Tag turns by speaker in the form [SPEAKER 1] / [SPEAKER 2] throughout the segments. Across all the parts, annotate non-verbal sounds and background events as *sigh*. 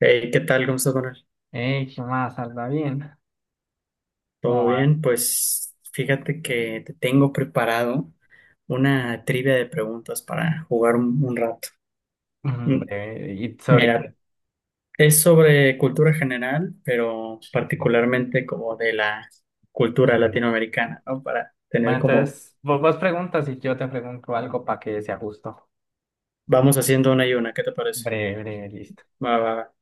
[SPEAKER 1] Hey, ¿qué tal? ¿Cómo estás, Manuel?
[SPEAKER 2] Ey, ¿qué más? ¿Anda bien? ¿Cómo
[SPEAKER 1] ¿Todo
[SPEAKER 2] va?
[SPEAKER 1] bien? Pues fíjate que te tengo preparado una trivia de preguntas para jugar un rato. Mm,
[SPEAKER 2] Hombre, ¿y sobre qué?
[SPEAKER 1] Mira, es sobre cultura general, pero particularmente como de la cultura latinoamericana, ¿no? Para
[SPEAKER 2] Bueno,
[SPEAKER 1] tener como,
[SPEAKER 2] entonces vos preguntas y yo te pregunto algo para que sea justo.
[SPEAKER 1] vamos haciendo una y una, ¿qué te parece?
[SPEAKER 2] Breve, breve, listo.
[SPEAKER 1] Va, va, va.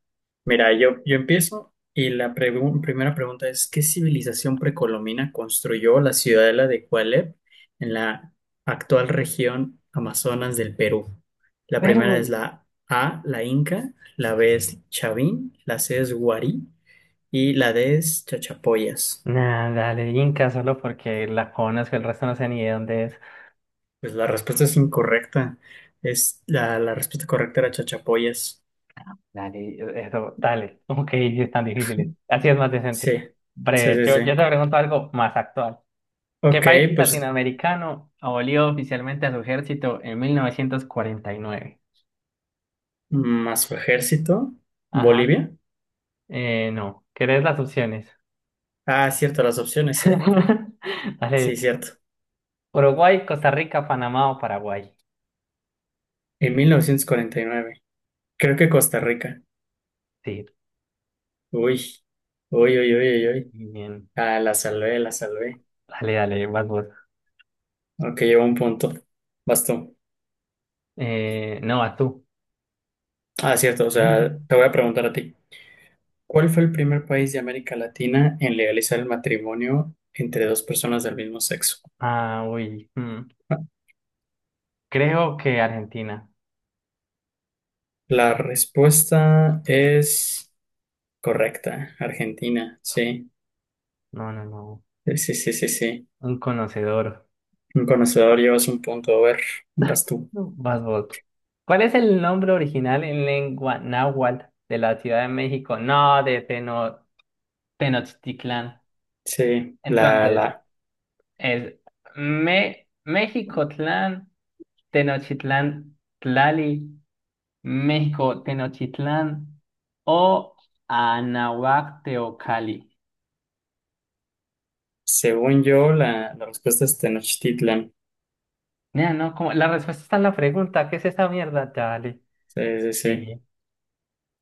[SPEAKER 1] Mira, yo empiezo y primera pregunta es, ¿qué civilización precolombina construyó la ciudadela de Cualep en la actual región Amazonas del Perú? La
[SPEAKER 2] Pero,
[SPEAKER 1] primera es la A, la Inca, la B es Chavín, la C es Guarí y la D es Chachapoyas.
[SPEAKER 2] nada, dale, Inca, solo porque la conozco, el resto no sé ni de dónde es.
[SPEAKER 1] Pues la respuesta es incorrecta. Es la respuesta correcta era Chachapoyas.
[SPEAKER 2] Dale, eso, dale. Ok, sí es tan difícil. Así es más decente.
[SPEAKER 1] Sí, sí,
[SPEAKER 2] Breve,
[SPEAKER 1] sí,
[SPEAKER 2] yo,
[SPEAKER 1] sí.
[SPEAKER 2] yo te pregunto algo más actual. ¿Qué
[SPEAKER 1] Ok,
[SPEAKER 2] país
[SPEAKER 1] pues
[SPEAKER 2] latinoamericano abolió oficialmente a su ejército en 1949?
[SPEAKER 1] más su ejército,
[SPEAKER 2] Ajá,
[SPEAKER 1] Bolivia.
[SPEAKER 2] no. ¿Querés las opciones?
[SPEAKER 1] Ah, cierto, las opciones. *laughs*
[SPEAKER 2] *laughs* Dale,
[SPEAKER 1] Sí, cierto.
[SPEAKER 2] Uruguay, Costa Rica, Panamá o Paraguay.
[SPEAKER 1] En 1949, creo que Costa Rica.
[SPEAKER 2] Sí,
[SPEAKER 1] Uy, uy, uy, uy, uy. Uy.
[SPEAKER 2] bien.
[SPEAKER 1] Ah, la salvé, la salvé.
[SPEAKER 2] Dale, dale, vas vos.
[SPEAKER 1] Ok, llevo un punto. Bastón.
[SPEAKER 2] No, vas tú.
[SPEAKER 1] Ah, cierto, o sea, te voy
[SPEAKER 2] *laughs*
[SPEAKER 1] a preguntar a ti. ¿Cuál fue el primer país de América Latina en legalizar el matrimonio entre dos personas del mismo sexo?
[SPEAKER 2] Ah, uy.
[SPEAKER 1] *laughs*
[SPEAKER 2] Creo que Argentina.
[SPEAKER 1] La respuesta es correcta, Argentina, sí.
[SPEAKER 2] No, no, no.
[SPEAKER 1] Sí, sí, sí, sí, sí.
[SPEAKER 2] Un conocedor.
[SPEAKER 1] Un conocedor, llevas un punto, a ver, vas tú.
[SPEAKER 2] No. Vas vos. ¿Cuál es el nombre original en lengua náhuatl de la Ciudad de México? No, de Tenochtitlán.
[SPEAKER 1] Sí,
[SPEAKER 2] Entonces, es Me México Tlán, Tenochtitlán Tlali. México, Tenochtitlán o Anahuac, Teocalli.
[SPEAKER 1] según yo, la respuesta es Tenochtitlan.
[SPEAKER 2] Nea, no, como la respuesta está en la pregunta. ¿Qué es esta mierda, Charlie?
[SPEAKER 1] Sí, sí, sí.
[SPEAKER 2] Sí,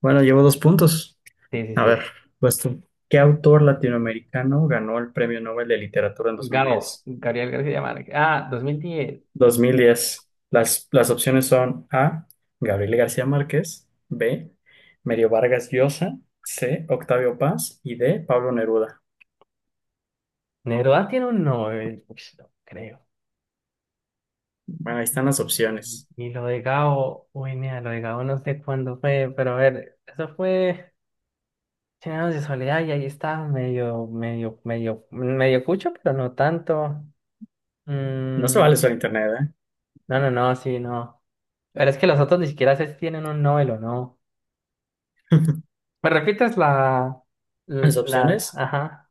[SPEAKER 1] Bueno, llevo dos puntos.
[SPEAKER 2] sí, sí.
[SPEAKER 1] A ver,
[SPEAKER 2] Sí.
[SPEAKER 1] pues tú, ¿qué autor latinoamericano ganó el Premio Nobel de Literatura en Dos mil
[SPEAKER 2] Gabo,
[SPEAKER 1] diez?
[SPEAKER 2] Gabriel García Márquez. Ah, 2010.
[SPEAKER 1] Dos mil diez. Las opciones son A, Gabriel García Márquez, B, Mario Vargas Llosa, C, Octavio Paz y D, Pablo Neruda.
[SPEAKER 2] Neruda tiene un Nobel. Uy, no creo.
[SPEAKER 1] Bueno, ahí están
[SPEAKER 2] Y,
[SPEAKER 1] las
[SPEAKER 2] y-
[SPEAKER 1] opciones.
[SPEAKER 2] y lo de Gabo, uy, nea, lo de Gabo no sé cuándo fue, pero a ver, eso fue Cien años de soledad y ahí está, medio, medio, medio, medio cucho, pero no tanto.
[SPEAKER 1] No se vale
[SPEAKER 2] Mm,
[SPEAKER 1] solo internet, ¿eh?
[SPEAKER 2] No, no, no, sí, no. Pero es que los otros ni siquiera sé si tienen un Nobel o no. ¿Me repites
[SPEAKER 1] Las
[SPEAKER 2] las?
[SPEAKER 1] opciones
[SPEAKER 2] Ajá,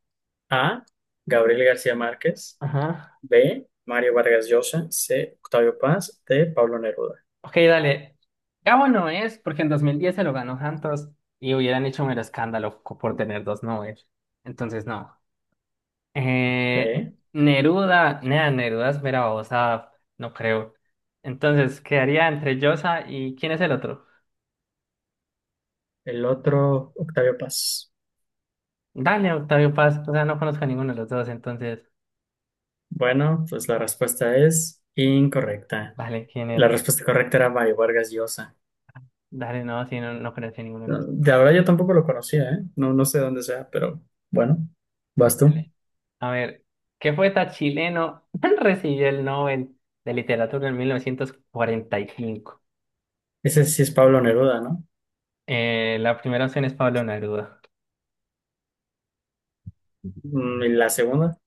[SPEAKER 1] A, Gabriel García Márquez.
[SPEAKER 2] ajá.
[SPEAKER 1] B. Mario Vargas Llosa. C. Octavio Paz. D. Pablo Neruda.
[SPEAKER 2] Ok, dale. Gabo no es porque en 2010 se lo ganó Santos y hubieran hecho mero escándalo por tener dos Nobel. Entonces, no.
[SPEAKER 1] Ok.
[SPEAKER 2] Neruda, nada, Neruda es mera babosa, no creo. Entonces, quedaría entre Llosa y ¿quién es el otro?
[SPEAKER 1] El otro, Octavio Paz.
[SPEAKER 2] Dale, Octavio Paz. O sea, no conozco a ninguno de los dos, entonces,
[SPEAKER 1] Bueno, pues la respuesta es incorrecta.
[SPEAKER 2] vale, ¿quién
[SPEAKER 1] La
[SPEAKER 2] era?
[SPEAKER 1] respuesta correcta era Mario Vargas Llosa.
[SPEAKER 2] Dale, no, si no, no conocí ninguno de los dos.
[SPEAKER 1] De verdad yo tampoco lo conocía, ¿eh? No, no sé dónde sea, pero bueno, vas tú.
[SPEAKER 2] Dale. A ver, ¿qué poeta chileno *laughs* recibió el Nobel de Literatura en 1945?
[SPEAKER 1] Ese sí es Pablo Neruda, ¿no?
[SPEAKER 2] La primera opción es Pablo Neruda.
[SPEAKER 1] ¿Y la segunda?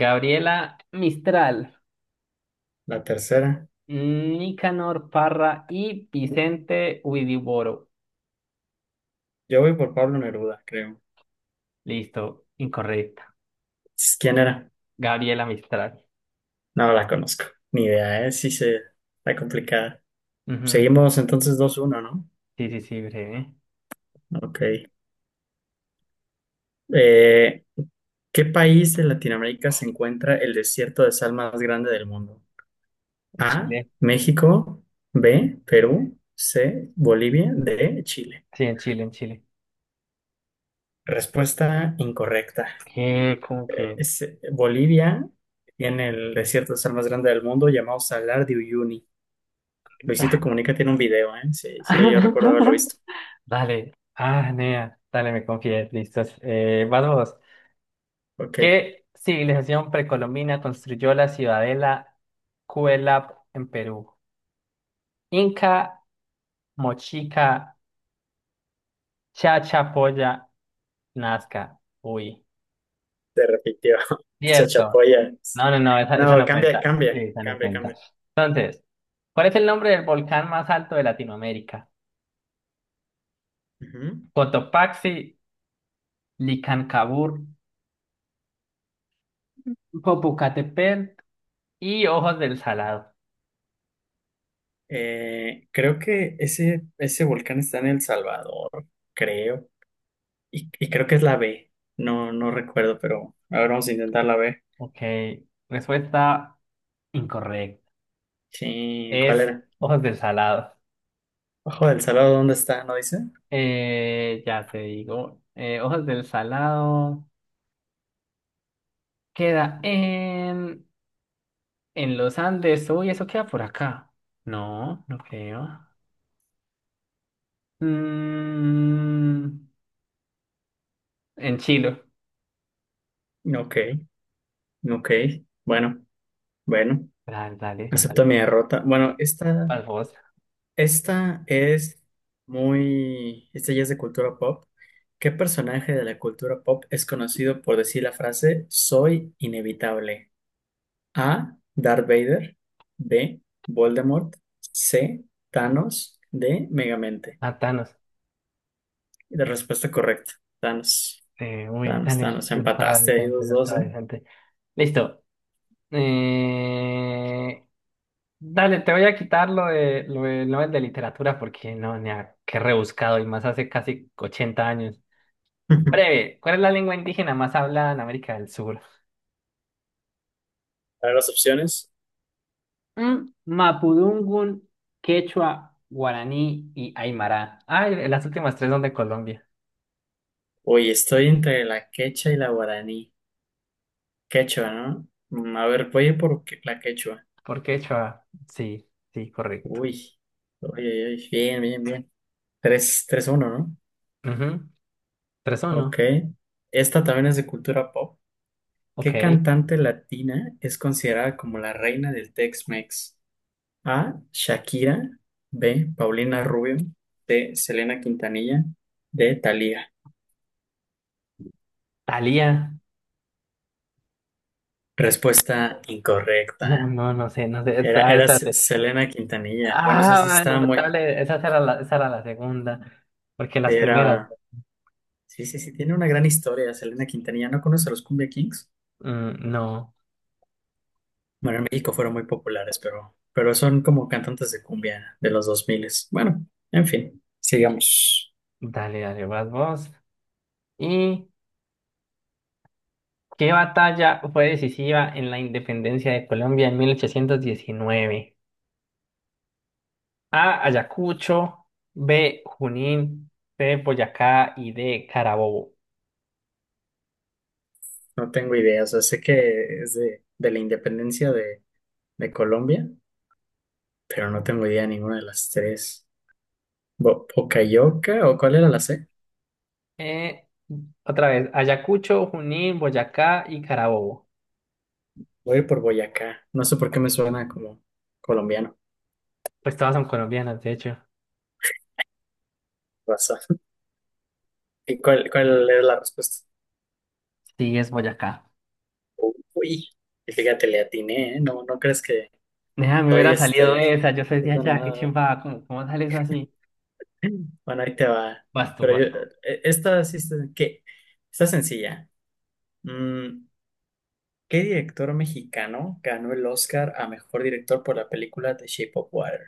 [SPEAKER 2] Gabriela Mistral,
[SPEAKER 1] La tercera.
[SPEAKER 2] Nicanor Parra y Vicente Huidobro.
[SPEAKER 1] Yo voy por Pablo Neruda, creo.
[SPEAKER 2] Listo, incorrecta.
[SPEAKER 1] ¿Quién era?
[SPEAKER 2] Gabriela Mistral.
[SPEAKER 1] No la conozco. Ni idea, ¿eh? Sí se... Está complicada.
[SPEAKER 2] Ujú.
[SPEAKER 1] Seguimos entonces dos uno, ¿no?
[SPEAKER 2] Sí, sí, sí, breve.
[SPEAKER 1] Ok. Eh, ¿Qué país de Latinoamérica se encuentra el desierto de sal más grande del mundo?
[SPEAKER 2] En
[SPEAKER 1] A,
[SPEAKER 2] Chile.
[SPEAKER 1] México, B, Perú, C, Bolivia, D, Chile.
[SPEAKER 2] Sí, en Chile, en Chile.
[SPEAKER 1] Respuesta incorrecta.
[SPEAKER 2] ¿Qué? ¿Cómo que?
[SPEAKER 1] Bolivia tiene el desierto de sal más grande del mundo llamado Salar de Uyuni. Luisito
[SPEAKER 2] Da.
[SPEAKER 1] Comunica tiene un video, ¿eh? Sí, sí, yo recuerdo haberlo visto.
[SPEAKER 2] *laughs* Dale, ah, nea, dale, me confié, listos. Vas vos.
[SPEAKER 1] Ok,
[SPEAKER 2] ¿Qué civilización precolombina construyó la ciudadela Cuelap en Perú? Inca, Mochica, Chachapoya, Nazca. Uy,
[SPEAKER 1] se repitió. *laughs*
[SPEAKER 2] cierto.
[SPEAKER 1] Chachapoyas.
[SPEAKER 2] No, no, no, esa
[SPEAKER 1] No,
[SPEAKER 2] no
[SPEAKER 1] cambia,
[SPEAKER 2] cuenta. Sí,
[SPEAKER 1] cambia,
[SPEAKER 2] esa no
[SPEAKER 1] cambia,
[SPEAKER 2] cuenta.
[SPEAKER 1] cambia.
[SPEAKER 2] Entonces, ¿cuál es el nombre del volcán más alto de Latinoamérica?
[SPEAKER 1] Ujú.
[SPEAKER 2] Cotopaxi, Licancabur, Popocatépetl y Ojos del Salado.
[SPEAKER 1] Creo que ese volcán está en El Salvador, creo. Y creo que es la B. No, no recuerdo, pero a ver, vamos a intentar la B.
[SPEAKER 2] Ok, respuesta. Incorrecto.
[SPEAKER 1] Sí, ¿cuál
[SPEAKER 2] Es
[SPEAKER 1] era?
[SPEAKER 2] hojas del salado.
[SPEAKER 1] Ojo del Salvador, ¿dónde está? ¿No dice?
[SPEAKER 2] Ya te digo. Hojas del salado. Queda en los Andes. Uy, eso queda por acá. No, no creo. Mm, en Chile.
[SPEAKER 1] Ok, ok. Bueno, bueno.
[SPEAKER 2] Dale, dale,
[SPEAKER 1] Acepto
[SPEAKER 2] dale.
[SPEAKER 1] mi derrota. Bueno, esta,
[SPEAKER 2] Vas vos.
[SPEAKER 1] esta es muy. Esta ya es de cultura pop. ¿Qué personaje de la cultura pop es conocido por decir la frase soy inevitable? A. Darth Vader. B. Voldemort. C. Thanos. D. Megamente.
[SPEAKER 2] Matanos.
[SPEAKER 1] Y la respuesta correcta. Thanos.
[SPEAKER 2] Uy,
[SPEAKER 1] Thanos,
[SPEAKER 2] dale.
[SPEAKER 1] Thanos.
[SPEAKER 2] Está
[SPEAKER 1] Empataste ahí
[SPEAKER 2] decente,
[SPEAKER 1] dos, dos,
[SPEAKER 2] está
[SPEAKER 1] ¿eh?
[SPEAKER 2] decente. Listo. Eh, Dale, te voy a quitar lo de Nobel de literatura porque no, ni a qué rebuscado y más hace casi 80 años.
[SPEAKER 1] *laughs*
[SPEAKER 2] Breve, ¿cuál es la lengua indígena más hablada en América del Sur?
[SPEAKER 1] A ver las opciones.
[SPEAKER 2] Mapudungun, Quechua, Guaraní y Aymara. Ay, las últimas tres son de Colombia.
[SPEAKER 1] Oye, estoy entre la quechua y la guaraní. Quechua, ¿no? A ver, voy a ir por la quechua.
[SPEAKER 2] ¿Por qué, Chua? Sí, sí, correcto.
[SPEAKER 1] Uy. Oye, oye, bien, bien, bien. Tres uno, ¿no?
[SPEAKER 2] Ujú. Tres o
[SPEAKER 1] Ok.
[SPEAKER 2] no.
[SPEAKER 1] Esta también es de cultura pop. ¿Qué
[SPEAKER 2] Ok.
[SPEAKER 1] cantante latina es considerada como la reina del Tex-Mex? A. Shakira. B. Paulina Rubio. C. Selena Quintanilla. D. Thalía.
[SPEAKER 2] Talía. *laughs*
[SPEAKER 1] Respuesta
[SPEAKER 2] No,
[SPEAKER 1] incorrecta.
[SPEAKER 2] no, no sé, no sé. A ver, espérate.
[SPEAKER 1] Selena Quintanilla. Bueno, sé
[SPEAKER 2] Ah,
[SPEAKER 1] si está
[SPEAKER 2] bueno,
[SPEAKER 1] muy.
[SPEAKER 2] dale, esa era esa era la segunda. Porque las primeras.
[SPEAKER 1] Era. Sí, sí, sí, tiene una gran historia, Selena Quintanilla. ¿No conoce a los Cumbia Kings?
[SPEAKER 2] No,
[SPEAKER 1] Bueno, en México fueron muy populares, pero son como cantantes de cumbia de los 2000. Bueno, en fin, sigamos.
[SPEAKER 2] dale, dale, vas vos. ¿Y qué batalla fue decisiva en la independencia de Colombia en 1819? A. Ayacucho, B. Junín, C. Boyacá y D. Carabobo.
[SPEAKER 1] No tengo idea, o sea, sé que es de la independencia de Colombia, pero no tengo idea de ninguna de las tres. Bo- ¿Bocayoca o cuál era la C?
[SPEAKER 2] Eh, otra vez, Ayacucho, Junín, Boyacá y Carabobo.
[SPEAKER 1] Voy a ir por Boyacá. No sé por qué me suena como colombiano.
[SPEAKER 2] Pues todas son colombianas, de hecho.
[SPEAKER 1] Raza. *laughs* ¿Y cuál era la respuesta?
[SPEAKER 2] Sí, es Boyacá.
[SPEAKER 1] Uy, y fíjate, le atiné, ¿eh? No, no crees que
[SPEAKER 2] Nea, me
[SPEAKER 1] estoy
[SPEAKER 2] hubiera salido
[SPEAKER 1] este,
[SPEAKER 2] esa, yo soy de
[SPEAKER 1] haciendo
[SPEAKER 2] allá, qué
[SPEAKER 1] nada.
[SPEAKER 2] chimba, ¿cómo, cómo sale eso así?
[SPEAKER 1] Bueno, ahí te va.
[SPEAKER 2] Vas tú,
[SPEAKER 1] Pero
[SPEAKER 2] vas
[SPEAKER 1] yo,
[SPEAKER 2] tú.
[SPEAKER 1] Esta sí está, ¿qué? Está sencilla. Mm, ¿Qué director mexicano ganó el Oscar a mejor director por la película The Shape of Water?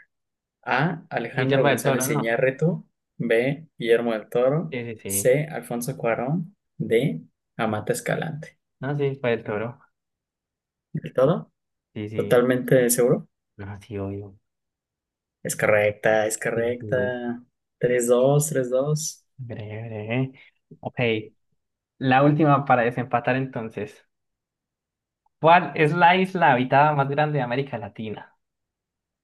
[SPEAKER 1] A. Alejandro
[SPEAKER 2] Guillermo del Toro,
[SPEAKER 1] González
[SPEAKER 2] no.
[SPEAKER 1] Iñárritu. B. Guillermo del Toro.
[SPEAKER 2] Sí, sí, sí.
[SPEAKER 1] C. Alfonso Cuarón. D. Amata Escalante.
[SPEAKER 2] No, sí, fue del Toro.
[SPEAKER 1] ¿Del todo?
[SPEAKER 2] Sí, sí,
[SPEAKER 1] ¿Totalmente seguro?
[SPEAKER 2] no, sí, obvio.
[SPEAKER 1] Es correcta, es
[SPEAKER 2] Sí, sí.
[SPEAKER 1] correcta. Tres dos, tres dos.
[SPEAKER 2] Breve, breve. Ok, la última para desempatar entonces. ¿Cuál es la isla habitada más grande de América Latina?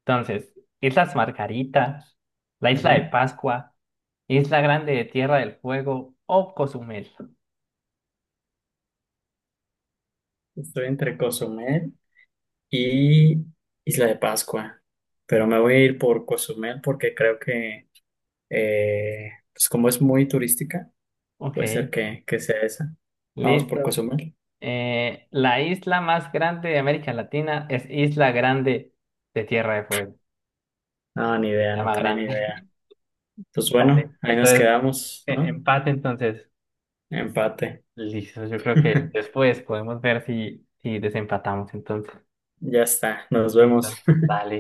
[SPEAKER 2] Entonces, Islas Margaritas, la Isla de
[SPEAKER 1] Ujú.
[SPEAKER 2] Pascua, Isla Grande de Tierra del Fuego o Cozumel.
[SPEAKER 1] Estoy entre Cozumel y Isla de Pascua. Pero me voy a ir por Cozumel porque creo que, pues como es muy turística, puede
[SPEAKER 2] Ok,
[SPEAKER 1] ser que sea esa. Vamos por
[SPEAKER 2] listo.
[SPEAKER 1] Cozumel.
[SPEAKER 2] La isla más grande de América Latina es Isla Grande de Tierra del Fuego.
[SPEAKER 1] No, ni
[SPEAKER 2] Se
[SPEAKER 1] idea, no
[SPEAKER 2] llama
[SPEAKER 1] tenía ni
[SPEAKER 2] Grande.
[SPEAKER 1] idea. Pues
[SPEAKER 2] *laughs* Dale,
[SPEAKER 1] bueno, ahí nos
[SPEAKER 2] entonces,
[SPEAKER 1] quedamos, ¿no?
[SPEAKER 2] empate entonces.
[SPEAKER 1] Empate.
[SPEAKER 2] Listo, yo creo que
[SPEAKER 1] *laughs*
[SPEAKER 2] después podemos ver si desempatamos entonces.
[SPEAKER 1] Ya está, nos vemos.
[SPEAKER 2] Listo. Dale.